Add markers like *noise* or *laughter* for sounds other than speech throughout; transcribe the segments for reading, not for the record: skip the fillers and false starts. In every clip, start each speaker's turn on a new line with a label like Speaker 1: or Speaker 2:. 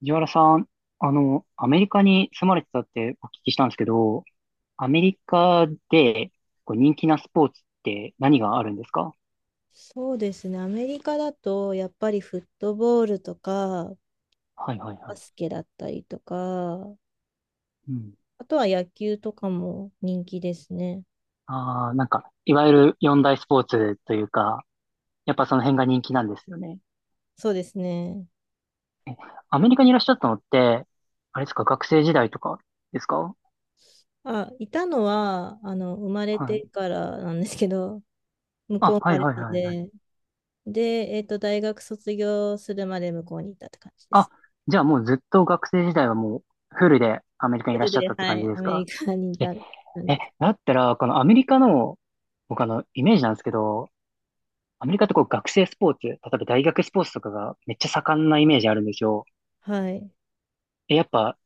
Speaker 1: 藤原さん、アメリカに住まれてたってお聞きしたんですけど、アメリカでこう人気なスポーツって何があるんですか？
Speaker 2: そうですね。アメリカだと、やっぱりフットボールとか、
Speaker 1: はいはい
Speaker 2: バ
Speaker 1: はい。
Speaker 2: スケだったりとか、
Speaker 1: うん。
Speaker 2: あとは野球とかも人気ですね。
Speaker 1: ああ、なんか、いわゆる四大スポーツというか、やっぱその辺が人気なんですよね。
Speaker 2: そうですね。
Speaker 1: え、アメリカにいらっしゃったのって、あれですか、学生時代とかですか？
Speaker 2: あ、いたのは、生まれ
Speaker 1: はい。
Speaker 2: てからなんですけど、向こ
Speaker 1: あ、
Speaker 2: う生
Speaker 1: は
Speaker 2: ま
Speaker 1: い
Speaker 2: れ
Speaker 1: はい
Speaker 2: たん
Speaker 1: はいはい。
Speaker 2: で、で、大学卒業するまで向こうにいたって感じで
Speaker 1: あ、
Speaker 2: す。
Speaker 1: じゃあもうずっと学生時代はもうフルでアメリカに
Speaker 2: フ
Speaker 1: いらっ
Speaker 2: ル
Speaker 1: しゃっ
Speaker 2: で、
Speaker 1: たって
Speaker 2: は
Speaker 1: 感じ
Speaker 2: い、
Speaker 1: で
Speaker 2: ア
Speaker 1: す
Speaker 2: メリ
Speaker 1: か？
Speaker 2: カにいた感
Speaker 1: え、
Speaker 2: じです。
Speaker 1: だったら、このアメリカの、僕イメージなんですけど、アメリカってこう学生スポーツ、例えば大学スポーツとかがめっちゃ盛んなイメージあるんですよ。
Speaker 2: はい。
Speaker 1: え、やっぱ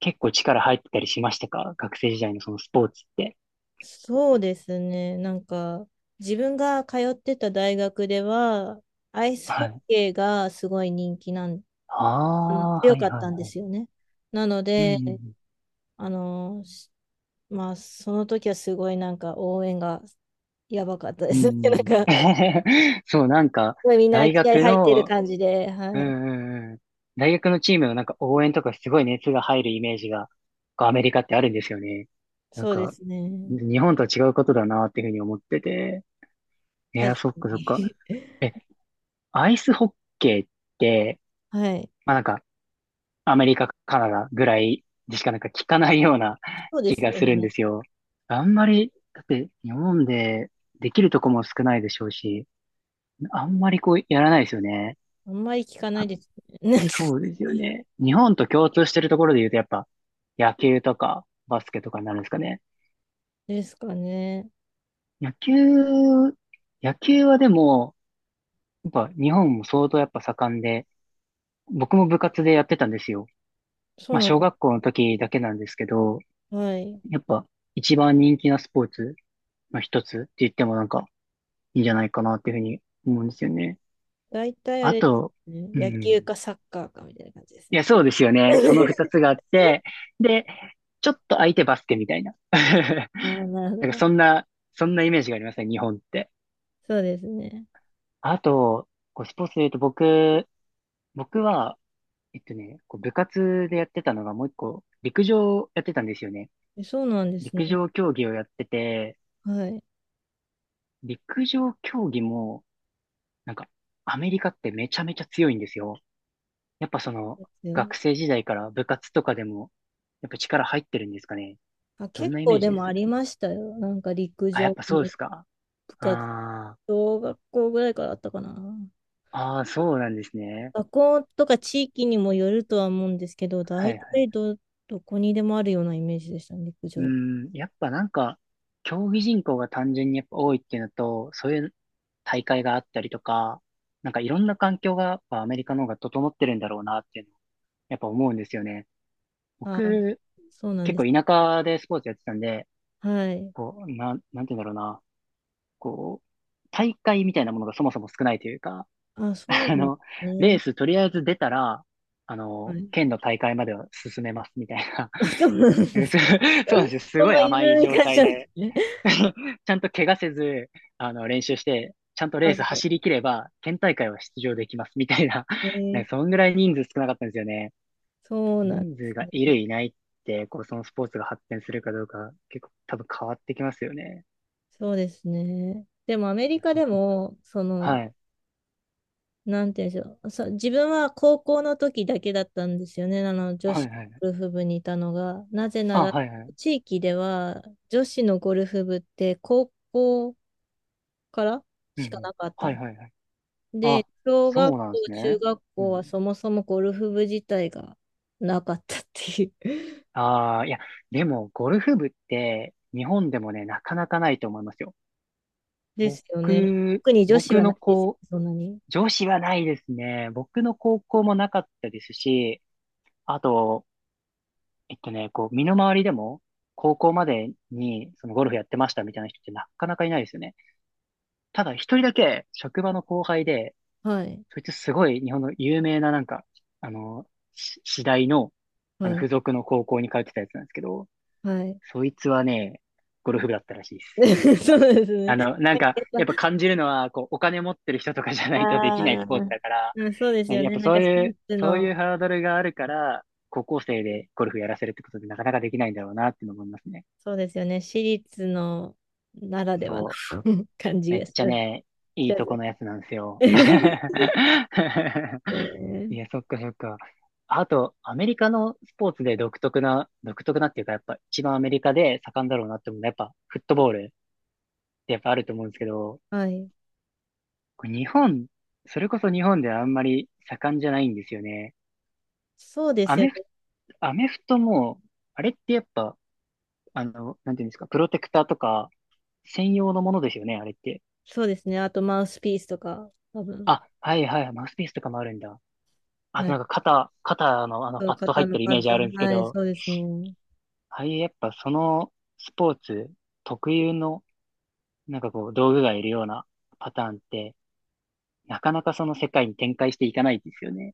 Speaker 1: 結構力入ってたりしましたか、学生時代のそのスポーツって。
Speaker 2: そうですね。なんか、自分が通ってた大学では、アイスホ
Speaker 1: は
Speaker 2: ッ
Speaker 1: い。
Speaker 2: ケーがすごい人気なん、あの
Speaker 1: ああ、
Speaker 2: 強
Speaker 1: は
Speaker 2: か
Speaker 1: い
Speaker 2: っ
Speaker 1: はい
Speaker 2: たんで
Speaker 1: は
Speaker 2: すよね。なの
Speaker 1: い。う
Speaker 2: で、
Speaker 1: ん
Speaker 2: あの、しまあ、その時はすごいなんか応援がやばかったで
Speaker 1: うんう
Speaker 2: すね。*laughs*
Speaker 1: ん。
Speaker 2: な
Speaker 1: うんうん。
Speaker 2: んか、す
Speaker 1: *laughs* そう、なんか、
Speaker 2: ごいみんな
Speaker 1: 大
Speaker 2: 気合
Speaker 1: 学
Speaker 2: 入ってる
Speaker 1: の、
Speaker 2: 感じで、
Speaker 1: うん
Speaker 2: はい。
Speaker 1: うんうん。大学のチームのなんか応援とかすごい熱が入るイメージが、こうアメリカってあるんですよね。なん
Speaker 2: そうで
Speaker 1: か、
Speaker 2: すね。
Speaker 1: 日本とは違うことだなっていうふうに思ってて。い
Speaker 2: 確
Speaker 1: や、
Speaker 2: か
Speaker 1: そっかそっか。
Speaker 2: に。
Speaker 1: え、
Speaker 2: *laughs*
Speaker 1: アイスホッケーって、
Speaker 2: はい。
Speaker 1: まあなんか、アメリカ、カナダぐらいでしかなんか聞かないような *laughs*
Speaker 2: そうで
Speaker 1: 気
Speaker 2: す
Speaker 1: が
Speaker 2: よ
Speaker 1: するんで
Speaker 2: ね。
Speaker 1: すよ。あんまり、だって日本でできるとこも少ないでしょうし、あんまりこうやらないですよね。
Speaker 2: あんまり聞かないですね。
Speaker 1: そうで
Speaker 2: *laughs*
Speaker 1: すよね。日本と共通してるところで言うと、やっぱ、野球とか、バスケとかになるんですかね。
Speaker 2: ですかね。
Speaker 1: 野球、野球はでも、やっぱ日本も相当やっぱ盛んで、僕も部活でやってたんですよ。
Speaker 2: そ
Speaker 1: ま
Speaker 2: う
Speaker 1: あ、
Speaker 2: なん
Speaker 1: 小
Speaker 2: で
Speaker 1: 学校の時だけなんですけど、
Speaker 2: す。はい。
Speaker 1: やっぱ一番人気なスポーツの一つって言ってもなんかいいんじゃないかなっていうふうに思うんですよね。
Speaker 2: 大体あ
Speaker 1: あ
Speaker 2: れです
Speaker 1: と、
Speaker 2: ね。
Speaker 1: う
Speaker 2: 野
Speaker 1: ん。
Speaker 2: 球かサッカーかみたいな感じです
Speaker 1: い
Speaker 2: ね。
Speaker 1: や、そうですよね。その二
Speaker 2: *laughs*
Speaker 1: つがあって、で、ちょっと相手バスケみたいな。*laughs*
Speaker 2: ああ、なるほ
Speaker 1: なんか
Speaker 2: ど。
Speaker 1: そんなイメージがありますね、日本って。
Speaker 2: そうですね。
Speaker 1: あと、こうスポーツで言うと僕は、こう部活でやってたのがもう一個、陸上やってたんですよね。
Speaker 2: えそうなんですね。
Speaker 1: 陸上競技をやってて、
Speaker 2: はい。
Speaker 1: 陸上競技も、なんか、アメリカってめちゃめちゃ強いんですよ。やっぱその、
Speaker 2: ですよね。
Speaker 1: 学生時代から部活とかでも、やっぱ力入ってるんですかね。
Speaker 2: あ、
Speaker 1: どん
Speaker 2: 結
Speaker 1: なイメ
Speaker 2: 構
Speaker 1: ー
Speaker 2: で
Speaker 1: ジで
Speaker 2: もあ
Speaker 1: す？
Speaker 2: りましたよ。なんか陸
Speaker 1: あ、
Speaker 2: 上
Speaker 1: やっぱそうで
Speaker 2: の
Speaker 1: すか。
Speaker 2: 部活、
Speaker 1: あ
Speaker 2: 小学校ぐらいからあったかな。
Speaker 1: あ、ああ、そうなんですね。
Speaker 2: 学校とか地域にもよるとは思うんですけど、
Speaker 1: は
Speaker 2: 大
Speaker 1: いはい。
Speaker 2: 体ど、どこにでもあるようなイメージでしたね、陸
Speaker 1: う
Speaker 2: 上。
Speaker 1: ん、やっぱなんか、競技人口が単純にやっぱ多いっていうのと、そういう大会があったりとか、なんかいろんな環境がやっぱアメリカの方が整ってるんだろうなっていうのをやっぱ思うんですよね。
Speaker 2: ああ、
Speaker 1: 僕、
Speaker 2: そうなん
Speaker 1: 結
Speaker 2: で
Speaker 1: 構
Speaker 2: す。
Speaker 1: 田舎でスポーツやってたんで、
Speaker 2: はい。
Speaker 1: こう、なんて言うんだろうな、こう、大会みたいなものがそもそも少ないというか、
Speaker 2: あ、
Speaker 1: *laughs*
Speaker 2: そうな
Speaker 1: あ
Speaker 2: んで
Speaker 1: の、
Speaker 2: す
Speaker 1: レー
Speaker 2: ね。
Speaker 1: スとりあえず出たら、
Speaker 2: はい。
Speaker 1: 県の大会までは進めますみたいな。
Speaker 2: *laughs* あそうなんで
Speaker 1: *laughs* そう
Speaker 2: す。*laughs*
Speaker 1: そうなんですよ。す
Speaker 2: そ
Speaker 1: ごい
Speaker 2: のい
Speaker 1: 甘
Speaker 2: ず
Speaker 1: い
Speaker 2: れに
Speaker 1: 状
Speaker 2: 関して
Speaker 1: 態
Speaker 2: はです
Speaker 1: で
Speaker 2: ね。
Speaker 1: *laughs* ちゃんと怪我せず、練習して、ちゃんとレー
Speaker 2: ま
Speaker 1: ス
Speaker 2: ず、
Speaker 1: 走り切れば、県大会は出場できます、みたいな。
Speaker 2: え
Speaker 1: *laughs*
Speaker 2: ー
Speaker 1: ね、そんぐらい人数少なかったんですよね。
Speaker 2: そうなんで
Speaker 1: 人数
Speaker 2: す
Speaker 1: がい
Speaker 2: ね。
Speaker 1: る、いないって、こう、そのスポーツが発展するかどうか、結構多分変わってきますよね。
Speaker 2: そうですね。でもアメ
Speaker 1: い
Speaker 2: リ
Speaker 1: や、
Speaker 2: カ
Speaker 1: そう。
Speaker 2: でも、その、
Speaker 1: はい。
Speaker 2: なんて言うんでしょう。そう、自分は高校の時だけだったんですよね。あの、女
Speaker 1: は
Speaker 2: 子
Speaker 1: いはい。
Speaker 2: ゴルフ部にいたのが。なぜな
Speaker 1: あ、
Speaker 2: ら、
Speaker 1: はいはい。
Speaker 2: 地域では女子のゴルフ部って高校から
Speaker 1: うんう
Speaker 2: しか
Speaker 1: ん。
Speaker 2: なかった
Speaker 1: はい
Speaker 2: ん
Speaker 1: はいはい。
Speaker 2: で、
Speaker 1: あ、
Speaker 2: 小学
Speaker 1: そう
Speaker 2: 校、
Speaker 1: なんです
Speaker 2: 中
Speaker 1: ね。
Speaker 2: 学
Speaker 1: う
Speaker 2: 校は
Speaker 1: ん。
Speaker 2: そもそもゴルフ部自体がなかったっていう
Speaker 1: ああ、いや、でも、ゴルフ部って、日本でもね、なかなかないと思いますよ。
Speaker 2: ですよね。特に女子
Speaker 1: 僕
Speaker 2: はな
Speaker 1: の
Speaker 2: いですよ
Speaker 1: 子
Speaker 2: ね、そんなに。
Speaker 1: 上司はないですね。僕の高校もなかったですし、あと、こう、身の回りでも、高校までに、そのゴルフやってましたみたいな人ってなかなかいないですよね。ただ、一人だけ、職場の後輩で、
Speaker 2: はい。
Speaker 1: そいつすごい日本の有名ななんか、あの、私大の、
Speaker 2: はい。
Speaker 1: 付属の高校に通ってたやつなんですけど、
Speaker 2: はい。
Speaker 1: そいつはね、ゴルフ部だったらしいです。
Speaker 2: *laughs* そうですね。
Speaker 1: なんか、
Speaker 2: やっ
Speaker 1: やっぱ感じるのは、こう、お金持ってる人とかじゃ
Speaker 2: ぱ、
Speaker 1: ないとできない
Speaker 2: あ
Speaker 1: ス
Speaker 2: あ、
Speaker 1: ポーツだから、
Speaker 2: うん、そうです
Speaker 1: ね、
Speaker 2: よ
Speaker 1: やっ
Speaker 2: ね。
Speaker 1: ぱ
Speaker 2: なん
Speaker 1: そ
Speaker 2: か
Speaker 1: う
Speaker 2: 私
Speaker 1: いう、
Speaker 2: 立
Speaker 1: そういう
Speaker 2: の、
Speaker 1: ハードルがあるから、高校生でゴルフやらせるってことでなかなかできないんだろうなっていうのを思いますね。
Speaker 2: そうですよね。私立のならではの
Speaker 1: そう。
Speaker 2: *laughs* 感じ
Speaker 1: め
Speaker 2: が
Speaker 1: っ
Speaker 2: し
Speaker 1: ちゃ
Speaker 2: ます
Speaker 1: ね、い
Speaker 2: し
Speaker 1: い
Speaker 2: ま
Speaker 1: と
Speaker 2: す
Speaker 1: こ
Speaker 2: ね。
Speaker 1: のやつなんですよ。
Speaker 2: *laughs*
Speaker 1: *laughs*
Speaker 2: え
Speaker 1: いや、
Speaker 2: ー
Speaker 1: そっかそっか。あと、アメリカのスポーツで独特な、独特なっていうか、やっぱ一番アメリカで盛んだろうなって思うのは、やっぱフットボールってやっぱあると思うんですけど、
Speaker 2: はい。
Speaker 1: これ日本、それこそ日本ではあんまり盛んじゃないんですよね。
Speaker 2: そうで
Speaker 1: ア
Speaker 2: すよ
Speaker 1: メフ、
Speaker 2: ね。
Speaker 1: アメフトも、あれってやっぱ、なんていうんですか、プロテクターとか、専用のものですよね、あれって。
Speaker 2: そうですね。あとマウスピースとか、多分。
Speaker 1: あ、はいはい、マウスピースとかもあるんだ。あ
Speaker 2: は
Speaker 1: と
Speaker 2: い。
Speaker 1: なんか肩の
Speaker 2: そう、
Speaker 1: パッド入
Speaker 2: 肩
Speaker 1: って
Speaker 2: の
Speaker 1: るイ
Speaker 2: パッ
Speaker 1: メージ
Speaker 2: ド。
Speaker 1: あるんですけ
Speaker 2: はい、
Speaker 1: ど、
Speaker 2: そうですね。
Speaker 1: ああいうやっぱそのスポーツ特有の、なんかこう、道具がいるようなパターンって、なかなかその世界に展開していかないですよね。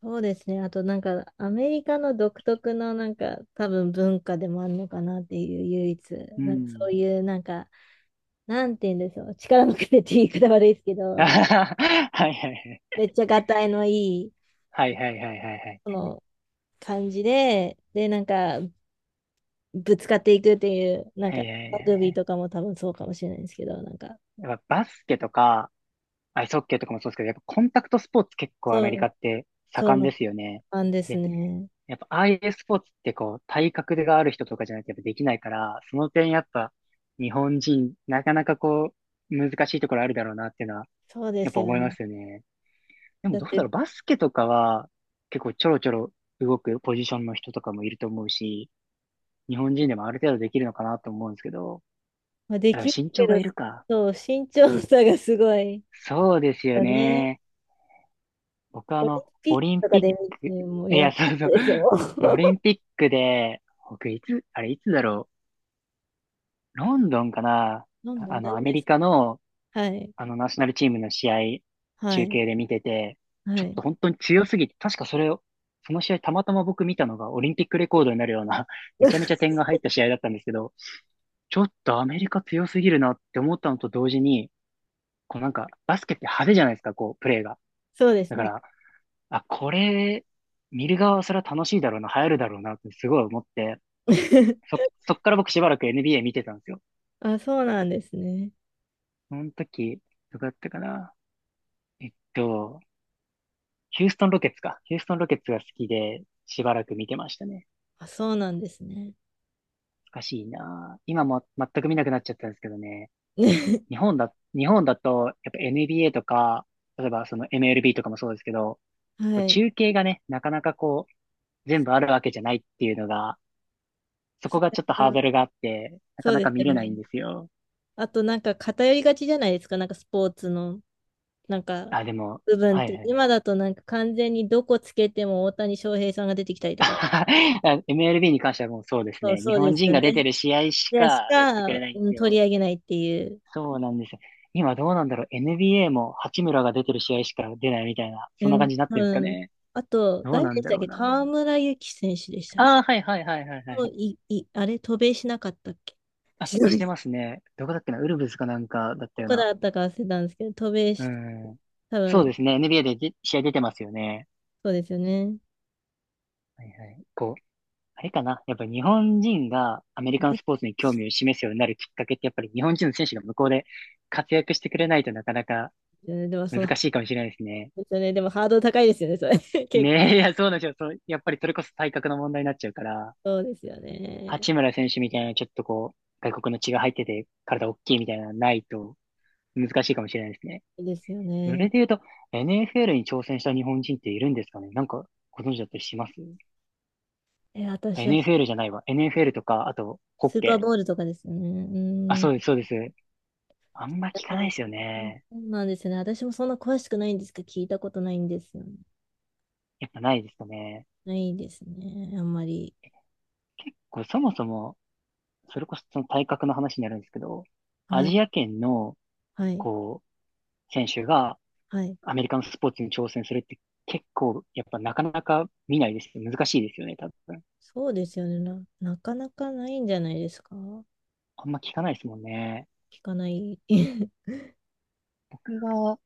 Speaker 2: そうですね。あとなんかアメリカの独特のなんか多分文化でもあるのかなっていう唯一、
Speaker 1: う
Speaker 2: なんかそ
Speaker 1: ん。
Speaker 2: ういうなんか、なんて言うんでしょう。力のくれって言い方悪いですけ
Speaker 1: *laughs*
Speaker 2: ど、
Speaker 1: はいはいはい。
Speaker 2: めっちゃがたいのいい、
Speaker 1: はいはいはいはいはい。
Speaker 2: その感じで、でなんかぶつかっていくっていう、なん
Speaker 1: は
Speaker 2: か
Speaker 1: いはいはい
Speaker 2: ラ
Speaker 1: は
Speaker 2: グビー
Speaker 1: い。
Speaker 2: とかも多分そうかもしれないですけど、なんか、
Speaker 1: やっぱバスケとか、アイスホッケーとかもそうですけど、やっぱコンタクトスポーツ結構ア
Speaker 2: そ
Speaker 1: メリカ
Speaker 2: う、
Speaker 1: って
Speaker 2: そう
Speaker 1: 盛ん
Speaker 2: な
Speaker 1: ですよね。
Speaker 2: 感じです
Speaker 1: で、
Speaker 2: ね。
Speaker 1: やっぱああいうスポーツってこう、体格がある人とかじゃないとやっぱできないから、その点やっぱ日本人、なかなかこう、難しいところあるだろうなっていうのは、
Speaker 2: そうで
Speaker 1: やっ
Speaker 2: す
Speaker 1: ぱ思
Speaker 2: よ
Speaker 1: いま
Speaker 2: ね。
Speaker 1: すよね。でも
Speaker 2: だ
Speaker 1: ど
Speaker 2: っ
Speaker 1: うだ
Speaker 2: て、
Speaker 1: ろう、バスケとかは結構ちょろちょろ動くポジションの人とかもいると思うし、日本人でもある程度できるのかなと思うんですけど、
Speaker 2: まあ、で
Speaker 1: あでも
Speaker 2: きる
Speaker 1: 身
Speaker 2: け
Speaker 1: 長が
Speaker 2: ど、
Speaker 1: いるか。
Speaker 2: そう、身長差がすごい
Speaker 1: そうですよ
Speaker 2: よね。
Speaker 1: ね。僕は
Speaker 2: オリンピ
Speaker 1: オ
Speaker 2: ック
Speaker 1: リン
Speaker 2: とか
Speaker 1: ピ
Speaker 2: で見
Speaker 1: ック、
Speaker 2: て、
Speaker 1: い
Speaker 2: もうやば
Speaker 1: や、そ
Speaker 2: かっ
Speaker 1: うそ
Speaker 2: た
Speaker 1: う。
Speaker 2: ですよ。
Speaker 1: オリ
Speaker 2: *laughs*
Speaker 1: ンピックで、僕いつ、あれいつだろう。ロンドンかな。
Speaker 2: どんだ、大
Speaker 1: ア
Speaker 2: 丈夫
Speaker 1: メ
Speaker 2: で
Speaker 1: リ
Speaker 2: す。
Speaker 1: カの、
Speaker 2: はい、
Speaker 1: ナショナルチームの試合、
Speaker 2: は
Speaker 1: 中
Speaker 2: い、
Speaker 1: 継で見てて、ち
Speaker 2: は
Speaker 1: ょっ
Speaker 2: い。
Speaker 1: と本当に強すぎて、確かそれを、その試合たまたま僕見たのがオリンピックレコードになるような、*laughs* めちゃめちゃ
Speaker 2: *laughs*
Speaker 1: 点が入った試合だったんですけど、ちょっとアメリカ強すぎるなって思ったのと同時に、こうなんか、バスケって派手じゃないですか、こう、プレーが。
Speaker 2: そうで
Speaker 1: だ
Speaker 2: す
Speaker 1: か
Speaker 2: ね。
Speaker 1: ら、あ、これ、見る側はそれは楽しいだろうな、流行るだろうなってすごい思って、
Speaker 2: *laughs*
Speaker 1: そ、そっから僕しばらく NBA 見てたんですよ。
Speaker 2: あ、そうなんですね。
Speaker 1: その時、どこだったかな。えっと、ヒューストンロケッツか。ヒューストンロケッツが好きで、しばらく見てましたね。
Speaker 2: あ、そうなんですね。
Speaker 1: 懐かしいな。今も全く見なくなっちゃったんですけどね。
Speaker 2: ね
Speaker 1: 日
Speaker 2: *laughs*
Speaker 1: 本だ、日本だと、やっぱ NBA とか、例えばその MLB とかもそうですけど、こう
Speaker 2: はい。
Speaker 1: 中継がね、なかなかこう、全部あるわけじゃないっていうのが、そこ
Speaker 2: そ
Speaker 1: が
Speaker 2: れ
Speaker 1: ちょっとハー
Speaker 2: が
Speaker 1: ドルがあって、な
Speaker 2: そ
Speaker 1: か
Speaker 2: う
Speaker 1: な
Speaker 2: で
Speaker 1: か
Speaker 2: す
Speaker 1: 見
Speaker 2: よ
Speaker 1: れな
Speaker 2: ね。
Speaker 1: いんですよ。
Speaker 2: あと、なんか偏りがちじゃないですか、なんかスポーツの、なんか
Speaker 1: あ、でも、
Speaker 2: 部分っ
Speaker 1: はい
Speaker 2: て。
Speaker 1: はい。
Speaker 2: 今だとなんか完全にどこつけても大谷翔平さんが出てきたりとか。
Speaker 1: *laughs* あ MLB に関してはもうそうです
Speaker 2: そう、
Speaker 1: ね。日
Speaker 2: そうで
Speaker 1: 本
Speaker 2: す
Speaker 1: 人
Speaker 2: よ
Speaker 1: が出て
Speaker 2: ね。
Speaker 1: る試合しか
Speaker 2: で、し
Speaker 1: やってく
Speaker 2: か、
Speaker 1: れないんで
Speaker 2: うん
Speaker 1: す
Speaker 2: 取
Speaker 1: よ。
Speaker 2: り上げないっていう。
Speaker 1: そうなんですよ。今どうなんだろう。NBA も八村が出てる試合しか出ないみたいな、
Speaker 2: う
Speaker 1: そんな感
Speaker 2: ん、
Speaker 1: じになってるんです
Speaker 2: う
Speaker 1: か
Speaker 2: ん。
Speaker 1: ね。
Speaker 2: あと、
Speaker 1: どう
Speaker 2: 誰で
Speaker 1: なん
Speaker 2: し
Speaker 1: だ
Speaker 2: たっ
Speaker 1: ろう
Speaker 2: け河
Speaker 1: な。
Speaker 2: 村勇輝選手でしたっけ
Speaker 1: ああ、はいはいはいはいは
Speaker 2: もう
Speaker 1: い。
Speaker 2: い、い、あれ、渡米しなかったっけ
Speaker 1: あ、
Speaker 2: しな
Speaker 1: し
Speaker 2: い
Speaker 1: てますね。どこだっけな。ウルブズかなんかだった
Speaker 2: ど
Speaker 1: よう
Speaker 2: こ
Speaker 1: な。
Speaker 2: だったか忘れたんですけど、*laughs* 渡米
Speaker 1: う
Speaker 2: し、
Speaker 1: ん。
Speaker 2: 多
Speaker 1: そう
Speaker 2: 分、
Speaker 1: ですね。NBA で試合出てますよね。
Speaker 2: そうですよね。
Speaker 1: はいはい。こうあれかな。やっぱり日本人がアメリカン
Speaker 2: で
Speaker 1: スポーツに興味を示すようになるきっかけってやっぱり日本人の選手が向こうで活躍してくれないとなかなか
Speaker 2: すよねでも、その、
Speaker 1: 難しいかもしれないですね。
Speaker 2: うですよね。でも、ハードル高いですよね、それ。*laughs* 結構、
Speaker 1: ねえ、いや、そうなんですよ。そう、やっぱりそれこそ体格の問題になっちゃうから、
Speaker 2: ですよね。
Speaker 1: 八村選手みたいなちょっとこう、外国の血が入ってて体大きいみたいなのないと難しいかもしれないですね。
Speaker 2: そうですよ
Speaker 1: それ
Speaker 2: ね。
Speaker 1: で言うと、NFL に挑戦した日本人っているんですかね、なんかご存知だったりします？
Speaker 2: え、私は、
Speaker 1: NFL じゃないわ。NFL とか、あと、ホッ
Speaker 2: スーパー
Speaker 1: ケ
Speaker 2: ボー
Speaker 1: ー。
Speaker 2: ルとかですよね。
Speaker 1: あ、
Speaker 2: う
Speaker 1: そうです、
Speaker 2: ん。
Speaker 1: そうです。あんま聞かないですよ
Speaker 2: そ
Speaker 1: ね。
Speaker 2: うなんですよね。私もそんな詳しくないんですけど、聞いたことないんですよね。
Speaker 1: やっぱないですかね。
Speaker 2: ないですね。あんまり。
Speaker 1: 結構そもそも、それこそその体格の話になるんですけど、ア
Speaker 2: はい。
Speaker 1: ジア圏の、
Speaker 2: はい。
Speaker 1: こう、選手が
Speaker 2: はい。
Speaker 1: アメリカのスポーツに挑戦するって結構、やっぱなかなか見ないです。難しいですよね、多分。
Speaker 2: そうですよね。なかなかないんじゃないですか
Speaker 1: あんま聞かないですもんね。
Speaker 2: 聞かない。*laughs*
Speaker 1: 僕が、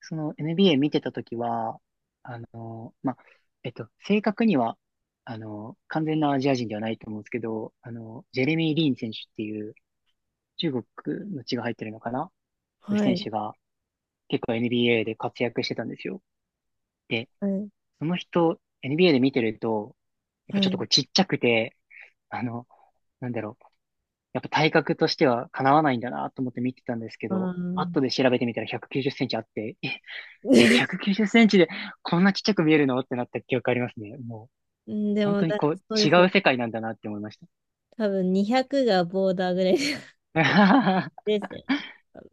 Speaker 1: その NBA 見てた時は、あの、まあ、正確には、あの、完全なアジア人ではないと思うんですけど、あの、ジェレミー・リン選手っていう、中国の血が入ってるのかな。そういう
Speaker 2: は
Speaker 1: 選
Speaker 2: い、
Speaker 1: 手が結構 NBA で活躍してたんですよ。で、
Speaker 2: はい、
Speaker 1: その人、NBA で見てると、やっぱ
Speaker 2: は
Speaker 1: ちょっと
Speaker 2: い。
Speaker 1: こうちっちゃくて、あの、なんだろう。やっぱ体格としては叶わないんだなと思って見てたんですけ
Speaker 2: あ
Speaker 1: ど、
Speaker 2: ー
Speaker 1: 後で調べてみたら190センチあって、え、え、190
Speaker 2: *laughs*
Speaker 1: センチでこんなちっちゃく見えるのってなった記憶ありますね。もう、
Speaker 2: うんで
Speaker 1: 本
Speaker 2: も
Speaker 1: 当に
Speaker 2: だ、
Speaker 1: こう
Speaker 2: そうで
Speaker 1: 違
Speaker 2: す
Speaker 1: う
Speaker 2: よ。
Speaker 1: 世界なんだなって思いました。
Speaker 2: 多分200がボーダーぐらい *laughs*
Speaker 1: *laughs*
Speaker 2: ですよね。多分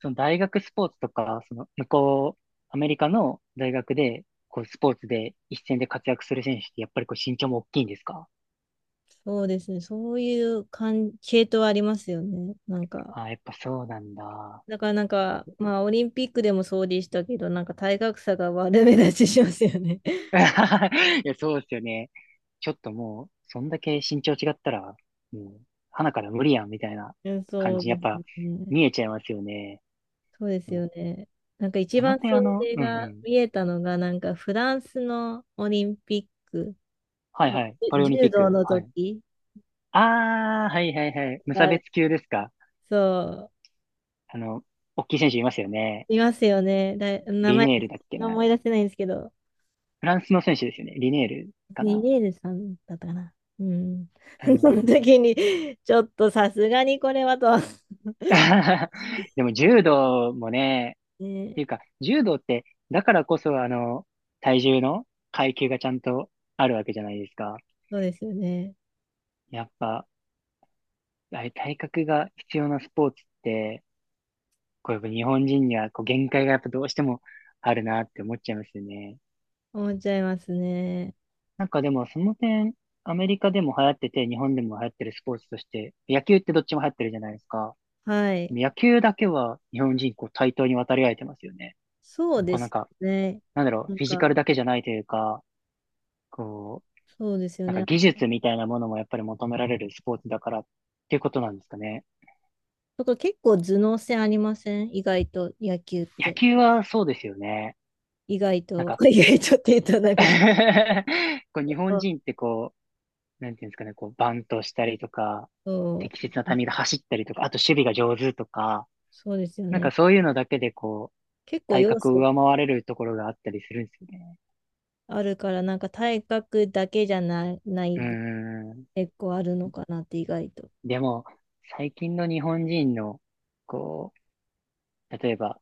Speaker 1: その大学スポーツとか、その向こう、アメリカの大学で、こう、スポーツで一戦で活躍する選手って、やっぱりこう、身長も大きいんですか？
Speaker 2: そうですね。そういう感、系統ありますよね。なんか、
Speaker 1: あやっぱそうなんだ。
Speaker 2: だからなんか、まあ、オリンピックでもそうでしたけど、なんか体格差が悪目立ちしますよね。*laughs*
Speaker 1: *laughs* いや、そうですよね。ちょっともう、そんだけ身長違ったら、もう、鼻から無理やん、みたいな
Speaker 2: うん
Speaker 1: 感
Speaker 2: そう
Speaker 1: じ、
Speaker 2: で
Speaker 1: やっ
Speaker 2: す
Speaker 1: ぱ、
Speaker 2: ね。
Speaker 1: 見えちゃいますよね。
Speaker 2: そうで
Speaker 1: で
Speaker 2: す
Speaker 1: も、
Speaker 2: よね。なんか一
Speaker 1: その
Speaker 2: 番
Speaker 1: 点あ
Speaker 2: そ
Speaker 1: の、
Speaker 2: れ
Speaker 1: うんう
Speaker 2: が
Speaker 1: ん。
Speaker 2: 見えたのが、なんかフランスのオリンピック
Speaker 1: はい
Speaker 2: の
Speaker 1: はい。パリオリンピ
Speaker 2: 柔
Speaker 1: ッ
Speaker 2: 道
Speaker 1: ク。
Speaker 2: の
Speaker 1: はい。
Speaker 2: 時
Speaker 1: ああ、はいはいはい。無差
Speaker 2: が、
Speaker 1: 別級ですか。
Speaker 2: そう、
Speaker 1: あの、大きい選手いますよね。
Speaker 2: いますよね。だ、名
Speaker 1: リ
Speaker 2: 前、
Speaker 1: ネールだっけな。
Speaker 2: 思い出せないんですけど、
Speaker 1: フランスの選手ですよね。リネールかな。
Speaker 2: ニエルさんだったかな。うん。
Speaker 1: あ
Speaker 2: *laughs* その
Speaker 1: の、
Speaker 2: 時に、ちょっとさすがにこれはと。*laughs*
Speaker 1: *laughs* でも柔道もね、っ
Speaker 2: ね、
Speaker 1: ていうか、柔道って、だからこそあの、体重の階級がちゃんとあるわけじゃないですか。
Speaker 2: そうですよね。
Speaker 1: やっぱ、あれ体格が必要なスポーツって、こうやっぱ日本人にはこう限界がやっぱどうしてもあるなって思っちゃいますよね。
Speaker 2: 思っちゃいますね。
Speaker 1: なんかでもその点、アメリカでも流行ってて、日本でも流行ってるスポーツとして、野球ってどっちも流行ってるじゃないですか。
Speaker 2: はい。
Speaker 1: 野球だけは日本人こう対等に渡り合えてますよね。
Speaker 2: そう
Speaker 1: こ
Speaker 2: で
Speaker 1: うなん
Speaker 2: す
Speaker 1: か、
Speaker 2: ね。
Speaker 1: なんだろう、
Speaker 2: なん
Speaker 1: フィジカル
Speaker 2: か、
Speaker 1: だけじゃないというか、こう、
Speaker 2: そうですよ
Speaker 1: なんか
Speaker 2: ね。
Speaker 1: 技術みたいなものもやっぱり求められるスポーツだからっていうことなんですかね。
Speaker 2: だから結構頭脳戦ありません意外と野球っ
Speaker 1: 野
Speaker 2: て。
Speaker 1: 球はそうですよね。
Speaker 2: 意外
Speaker 1: なん
Speaker 2: と、
Speaker 1: か
Speaker 2: *laughs* 意外とって言うとなんかし、
Speaker 1: *laughs* こう日本
Speaker 2: あ
Speaker 1: 人ってこう、なんていうんですかね、こうバントしたりとか、
Speaker 2: そ
Speaker 1: 適切な
Speaker 2: う、
Speaker 1: タイミングで走ったりとか、あと守備が上手とか、
Speaker 2: そうですよ
Speaker 1: なんか
Speaker 2: ね。
Speaker 1: そういうのだけでこう、
Speaker 2: 結構
Speaker 1: 体
Speaker 2: 要
Speaker 1: 格を
Speaker 2: 素
Speaker 1: 上回れるところがあったりするんですよね。
Speaker 2: あるから、なんか体格だけじゃない、な
Speaker 1: うー
Speaker 2: い
Speaker 1: ん。
Speaker 2: 結構あるのかなって意外と。
Speaker 1: でも、最近の日本人の、こう、例えば、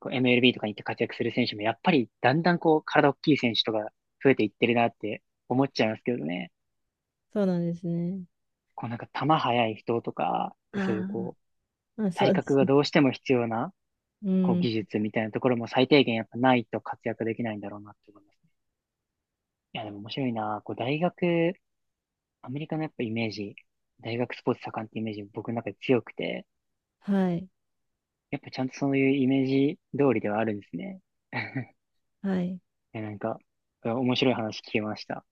Speaker 1: こう MLB とかに行って活躍する選手も、やっぱりだんだんこう、体大きい選手とか増えていってるなって思っちゃいますけどね。
Speaker 2: そうなんですね。
Speaker 1: こうなんか球速い人とか、そういう
Speaker 2: あ
Speaker 1: こう、
Speaker 2: あ、あ、そ
Speaker 1: 体
Speaker 2: うで
Speaker 1: 格
Speaker 2: す。
Speaker 1: がどうしても必要な、
Speaker 2: う
Speaker 1: こう
Speaker 2: ん。
Speaker 1: 技術みたいなところも最低限やっぱないと活躍できないんだろうなって思いますね。いや、でも面白いな。こう大学、アメリカのやっぱイメージ、大学スポーツ盛んってイメージ僕の中で強くて、
Speaker 2: はい。
Speaker 1: やっぱちゃんとそういうイメージ通りではあるんですね。*laughs*
Speaker 2: はい。
Speaker 1: え、なんか、面白い話聞けました。